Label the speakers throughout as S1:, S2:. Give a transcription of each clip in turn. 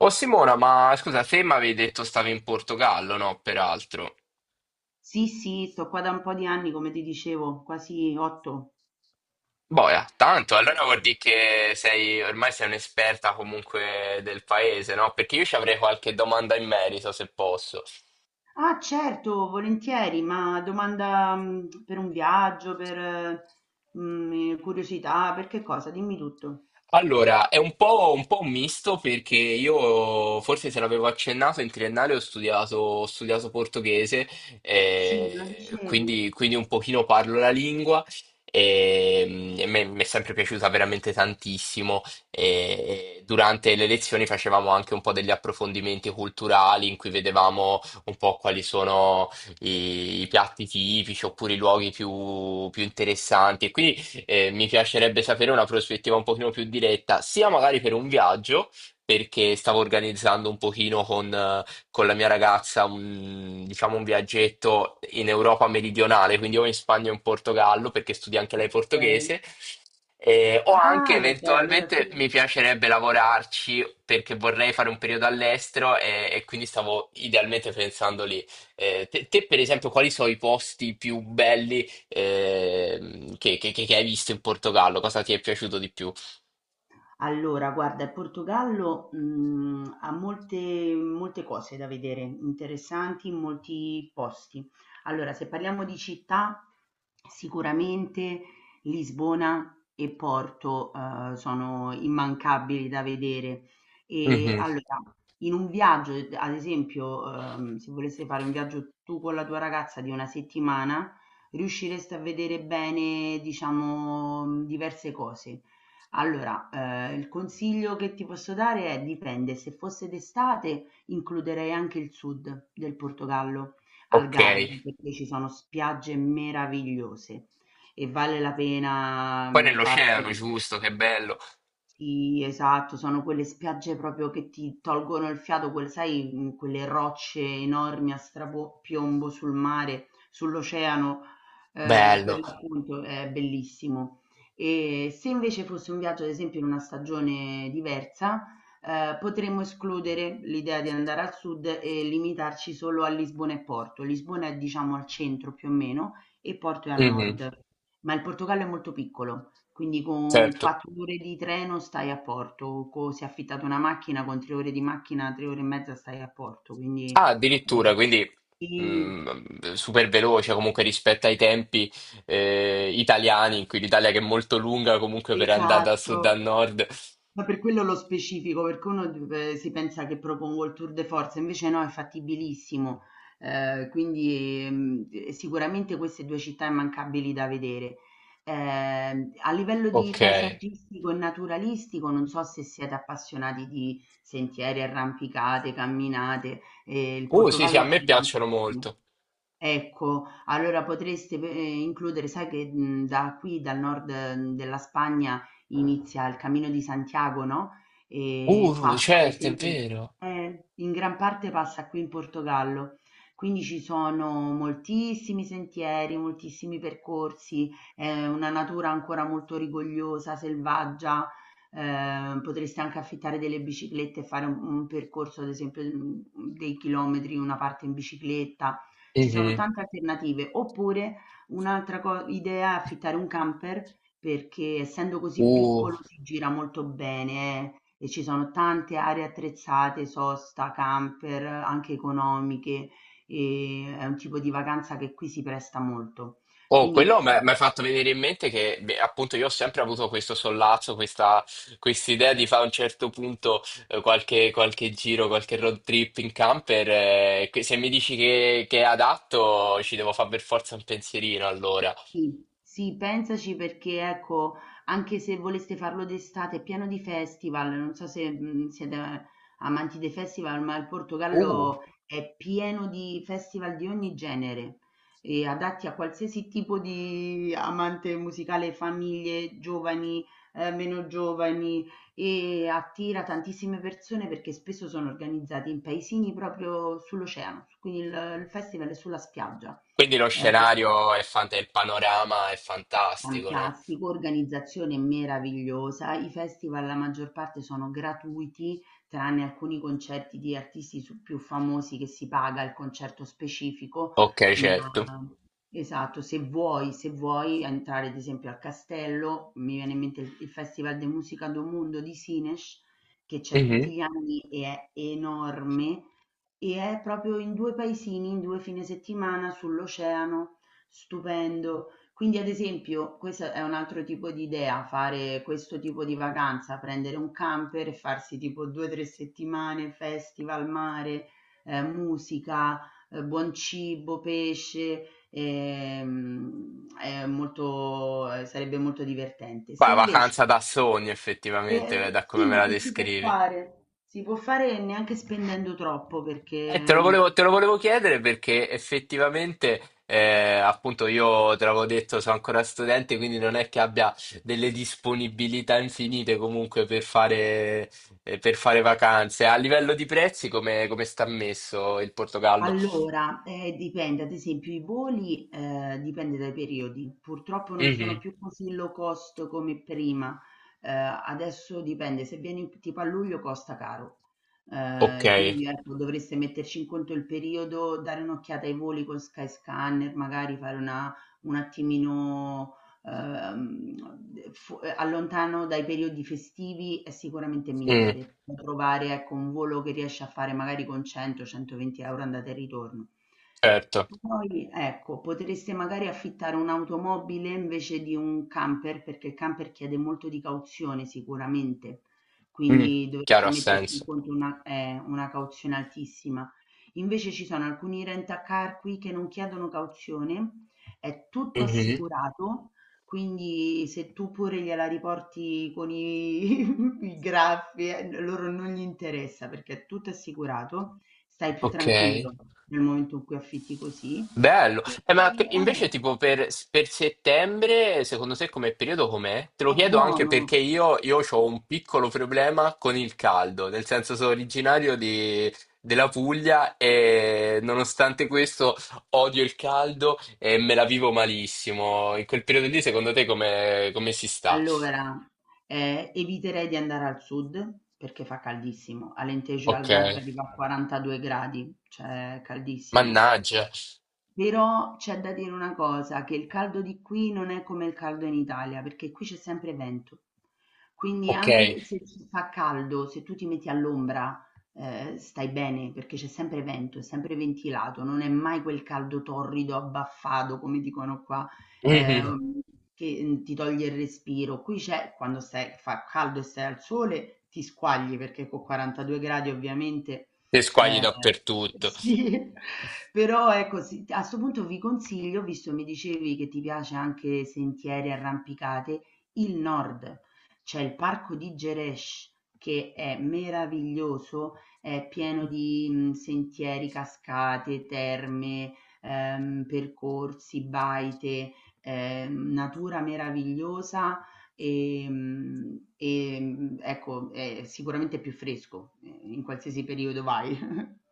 S1: Oh Simona, ma scusa, te mi avevi detto stavi in Portogallo, no? Peraltro.
S2: Sì, sì, sto qua da un po' di anni, come ti dicevo, quasi 8.
S1: Boia, tanto, allora vuol dire che sei, ormai sei un'esperta comunque del paese, no? Perché io ci avrei qualche domanda in merito, se posso.
S2: Ah, certo, volentieri, ma domanda per un viaggio, per curiosità, per che cosa? Dimmi tutto.
S1: Allora, è un po' un misto perché io, forse se l'avevo accennato, in triennale ho studiato portoghese,
S2: Sì, me lo dicevi.
S1: quindi un pochino parlo la lingua mi è sempre piaciuta veramente tantissimo. E durante le lezioni facevamo anche un po' degli approfondimenti culturali in cui vedevamo un po' quali sono i piatti tipici oppure i luoghi più interessanti. E quindi mi piacerebbe sapere una prospettiva un pochino più diretta, sia magari per un viaggio, perché stavo organizzando un pochino con la mia ragazza un, diciamo, un viaggetto in Europa meridionale, quindi o in Spagna o in Portogallo, perché studia anche lei
S2: Ok.
S1: portoghese. O anche
S2: Ah, e beh, allora
S1: eventualmente
S2: sì.
S1: mi piacerebbe lavorarci perché vorrei fare un periodo all'estero e quindi stavo idealmente pensando lì. Te, per esempio, quali sono i posti più belli che hai visto in Portogallo? Cosa ti è piaciuto di più?
S2: Allora, guarda, il Portogallo, ha molte molte cose da vedere, interessanti in molti posti. Allora, se parliamo di città, sicuramente Lisbona e Porto, sono immancabili da vedere. E
S1: Mhm.
S2: allora, in un viaggio, d ad esempio, se voleste fare un viaggio tu con la tua ragazza di 1 settimana, riuscireste a vedere bene, diciamo, diverse cose. Allora, il consiglio che ti posso dare è: dipende, se fosse d'estate includerei anche il sud del Portogallo,
S1: Ok.
S2: Algarve, perché ci sono spiagge meravigliose e vale la pena,
S1: Poi
S2: farsi
S1: nell'oceano, giusto, che bello.
S2: sì, esatto, sono quelle spiagge proprio che ti tolgono il fiato, sai, quelle rocce enormi a strapiombo sul mare, sull'oceano,
S1: Bello.
S2: per l'appunto è bellissimo. E se invece fosse un viaggio, ad esempio, in una stagione diversa, potremmo escludere l'idea di andare al sud e limitarci solo a Lisbona e Porto. Lisbona è, diciamo, al centro più o meno e Porto è al
S1: Mhm.
S2: nord, ma il Portogallo è molto piccolo. Quindi con
S1: Certo.
S2: 4 ore di treno stai a Porto, co se affittate una macchina con 3 ore di macchina, 3 ore e mezza stai a Porto, quindi
S1: Ah, addirittura,
S2: ehm
S1: quindi
S2: sì,
S1: super veloce comunque rispetto ai tempi italiani, in cui l'Italia che è molto lunga comunque per andare da sud a
S2: esatto.
S1: nord.
S2: Ma per quello lo specifico, perché uno si pensa che propongo il tour de force, invece no, è fattibilissimo. Quindi sicuramente queste due città immancabili da vedere. Eh, a livello di
S1: Ok.
S2: paesaggistico e naturalistico, non so se siete appassionati di sentieri, arrampicate, camminate, il
S1: Sì, sì,
S2: Portogallo
S1: a me
S2: offre
S1: piacciono
S2: tantissimo.
S1: molto.
S2: Ecco, allora potreste pe includere sai che, da qui dal nord, della Spagna inizia il Camino di Santiago, no, e passa ad
S1: Certo, è
S2: esempio
S1: vero.
S2: in gran parte passa qui in Portogallo. Quindi ci sono moltissimi sentieri, moltissimi percorsi, è una natura ancora molto rigogliosa, selvaggia, potreste anche affittare delle biciclette e fare un percorso ad esempio, dei chilometri, una parte in bicicletta. Ci sono
S1: Mhm.
S2: tante alternative. Oppure un'altra co idea è affittare un camper, perché essendo così
S1: Uh.
S2: piccolo si gira molto bene e ci sono tante aree attrezzate, sosta, camper, anche economiche, e è un tipo di vacanza che qui si presta molto.
S1: Oh,
S2: Quindi
S1: quello mi ha fatto venire in mente che beh, appunto io ho sempre avuto questo sollazzo, questa idea di fare a un certo punto qualche giro, qualche road trip in camper. Che se mi dici che è adatto, ci devo fare per forza un pensierino allora.
S2: sì, sì, pensaci perché ecco, anche se voleste farlo d'estate, è pieno di festival, non so se siete amanti dei festival, ma il
S1: Uh,
S2: Portogallo è pieno di festival di ogni genere, e adatti a qualsiasi tipo di amante musicale, famiglie, giovani, meno giovani, e attira tantissime persone perché spesso sono organizzati in paesini proprio sull'oceano, quindi il festival è sulla spiaggia.
S1: quindi lo
S2: Eh,
S1: scenario è il panorama è fantastico, no?
S2: Fantastico, organizzazione meravigliosa. I festival la maggior parte sono gratuiti, tranne alcuni concerti di artisti più famosi che si paga il concerto specifico,
S1: Ok,
S2: ma
S1: certo.
S2: esatto, se vuoi entrare ad esempio al castello, mi viene in mente il Festival de Musica do Mundo di Sines, che c'è tutti
S1: Mhm.
S2: gli anni e è enorme e è proprio in due paesini, in due fine settimana sull'oceano, stupendo. Quindi, ad esempio, questo è un altro tipo di idea, fare questo tipo di vacanza, prendere un camper e farsi tipo 2 o 3 settimane, festival, mare, musica, buon cibo, pesce, è molto, sarebbe molto divertente. Se
S1: Poi vacanza
S2: invece,
S1: da sogno, effettivamente, da come
S2: sì,
S1: me
S2: ma
S1: la
S2: che si può
S1: descrivi.
S2: fare? Si può fare neanche spendendo troppo perché... ehm,
S1: Te lo volevo chiedere perché effettivamente, appunto, io te l'avevo detto, sono ancora studente, quindi non è che abbia delle disponibilità infinite comunque per fare vacanze. A livello di prezzi, come sta messo il Portogallo?
S2: Allora, dipende, ad esempio i voli, dipende dai periodi. Purtroppo non sono
S1: Mhm.
S2: più così low cost come prima. Adesso dipende, se vieni tipo a luglio costa caro.
S1: Ok.
S2: Quindi ecco, dovreste metterci in conto il periodo, dare un'occhiata ai voli con Skyscanner, magari fare una un attimino ehm, fu allontano dai periodi festivi è sicuramente
S1: Mm,
S2: migliore. Puoi provare, ecco, un volo che riesci a fare magari con 100-120 € andata e ritorno.
S1: certo.
S2: Poi, ecco, potreste magari affittare un'automobile invece di un camper, perché il camper chiede molto di cauzione sicuramente,
S1: Mm,
S2: quindi
S1: chiaro
S2: dovreste
S1: ha
S2: metterci in
S1: senso.
S2: conto una cauzione altissima. Invece ci sono alcuni rent-a-car qui che non chiedono cauzione, è tutto
S1: Mhm.
S2: assicurato, quindi se tu pure gliela riporti con i, i graffi, loro non gli interessa perché è tutto assicurato, stai più
S1: Ok.
S2: tranquillo nel momento in cui affitti così.
S1: Bello.
S2: E,
S1: Ma
S2: e-
S1: invece
S2: eh,
S1: tipo per settembre, secondo te come periodo com'è? Te lo
S2: è
S1: chiedo anche
S2: buono.
S1: perché io, ho un piccolo problema con il caldo, nel senso sono della Puglia e nonostante questo odio il caldo e me la vivo malissimo. In quel periodo lì, secondo te come si sta?
S2: Allora, eviterei di andare al sud perché fa caldissimo. Alentejo e
S1: Ok.
S2: Algarve arriva a 42 gradi, cioè è caldissimo.
S1: Mannaggia.
S2: Però c'è da dire una cosa, che il caldo di qui non è come il caldo in Italia, perché qui c'è sempre vento. Quindi
S1: Ok.
S2: anche se ci fa caldo, se tu ti metti all'ombra, stai bene, perché c'è sempre vento, è sempre ventilato, non è mai quel caldo torrido, abbaffato, come dicono qua,
S1: Mhm.
S2: ehm, che ti toglie il respiro. Qui c'è, quando stai, fa caldo e stai al sole, ti squagli, perché con 42 gradi ovviamente
S1: Te squagli
S2: Ehm,
S1: dappertutto.
S2: sì, però ecco sì, a 'sto punto vi consiglio, visto mi dicevi che ti piace anche sentieri, arrampicate, il nord. C'è il parco di Gerêsh che è meraviglioso, è pieno di, sentieri, cascate, terme, percorsi, baite, natura meravigliosa. Ecco, è sicuramente più fresco, in qualsiasi periodo vai.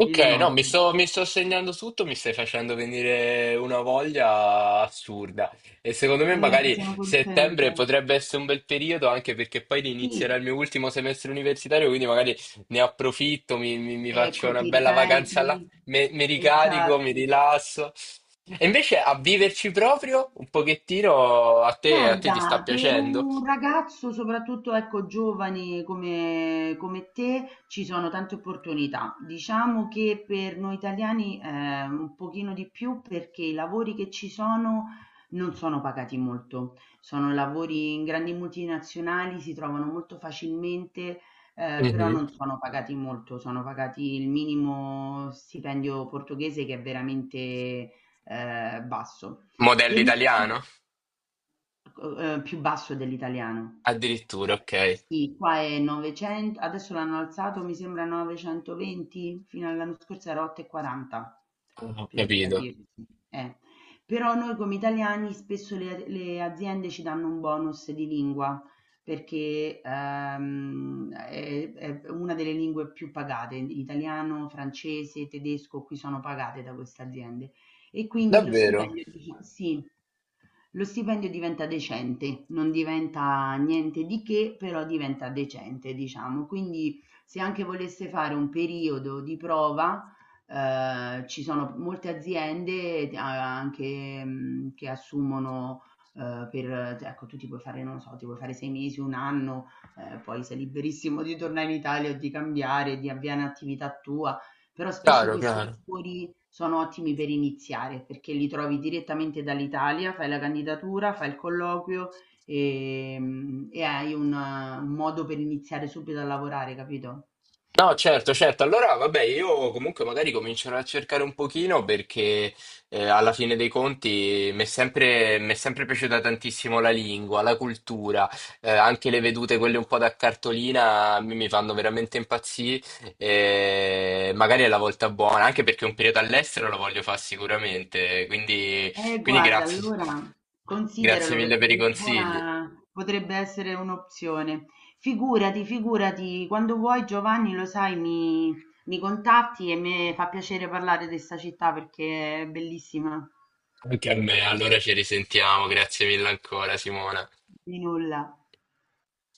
S1: Ok,
S2: Il nord.
S1: no, mi sto segnando tutto, mi stai facendo venire una voglia assurda. E secondo me magari
S2: Sono
S1: settembre
S2: contenta.
S1: potrebbe essere un bel periodo, anche perché poi inizierà
S2: Sì,
S1: il mio ultimo semestre universitario, quindi magari ne approfitto, mi faccio
S2: ecco,
S1: una
S2: ti
S1: bella vacanza là,
S2: ricarichi.
S1: mi ricarico, mi
S2: Esatto.
S1: rilasso. E invece a viverci proprio un pochettino, a te ti sta
S2: Guarda, per
S1: piacendo?
S2: un ragazzo, soprattutto ecco, giovane come te, ci sono tante opportunità. Diciamo che per noi italiani un pochino di più perché i lavori che ci sono non sono pagati molto. Sono lavori in grandi multinazionali, si trovano molto facilmente, però
S1: Mhm.
S2: non sono pagati molto. Sono pagati il minimo stipendio portoghese che è veramente basso.
S1: Modello
S2: Per noi.
S1: italiano?
S2: Più basso dell'italiano.
S1: Addirittura, ok.
S2: Sì, qua è 900, adesso l'hanno alzato mi sembra a 920, fino all'anno scorso era 8,40,
S1: Ho
S2: per
S1: capito.
S2: capirti, eh. Però noi come italiani spesso le aziende ci danno un bonus di lingua perché, è una delle lingue più pagate, italiano, francese, tedesco, qui sono pagate da queste aziende. E quindi lo
S1: Davvero?
S2: stipendio di chi sì. Lo stipendio diventa decente, non diventa niente di che, però diventa decente, diciamo. Quindi se anche volesse fare un periodo di prova, ci sono molte aziende anche che assumono per, cioè, ecco, tu ti puoi fare, non lo so, ti puoi fare 6 mesi, un anno, poi sei liberissimo di tornare in Italia o di cambiare, di avviare un'attività tua, però spesso
S1: Chiaro,
S2: questi
S1: chiaro.
S2: lavori sono ottimi per iniziare perché li trovi direttamente dall'Italia, fai la candidatura, fai il colloquio e, e hai un modo per iniziare subito a lavorare, capito?
S1: No, certo, certo. Allora, vabbè, io comunque magari comincerò a cercare un pochino perché alla fine dei conti mi è sempre piaciuta tantissimo la lingua, la cultura, anche le vedute, quelle un po' da cartolina, mi fanno veramente impazzire. Eh, magari è la volta buona, anche perché un periodo all'estero lo voglio fare sicuramente. Quindi, quindi
S2: Guarda,
S1: grazie,
S2: allora
S1: grazie
S2: consideralo
S1: mille
S2: perché
S1: per i consigli.
S2: Lisbona potrebbe essere un'opzione. Figurati, figurati, quando vuoi Giovanni, lo sai, mi contatti e mi fa piacere parlare di questa città perché è bellissima.
S1: Anche a me, allora ci risentiamo. Grazie mille ancora, Simona.
S2: Di nulla.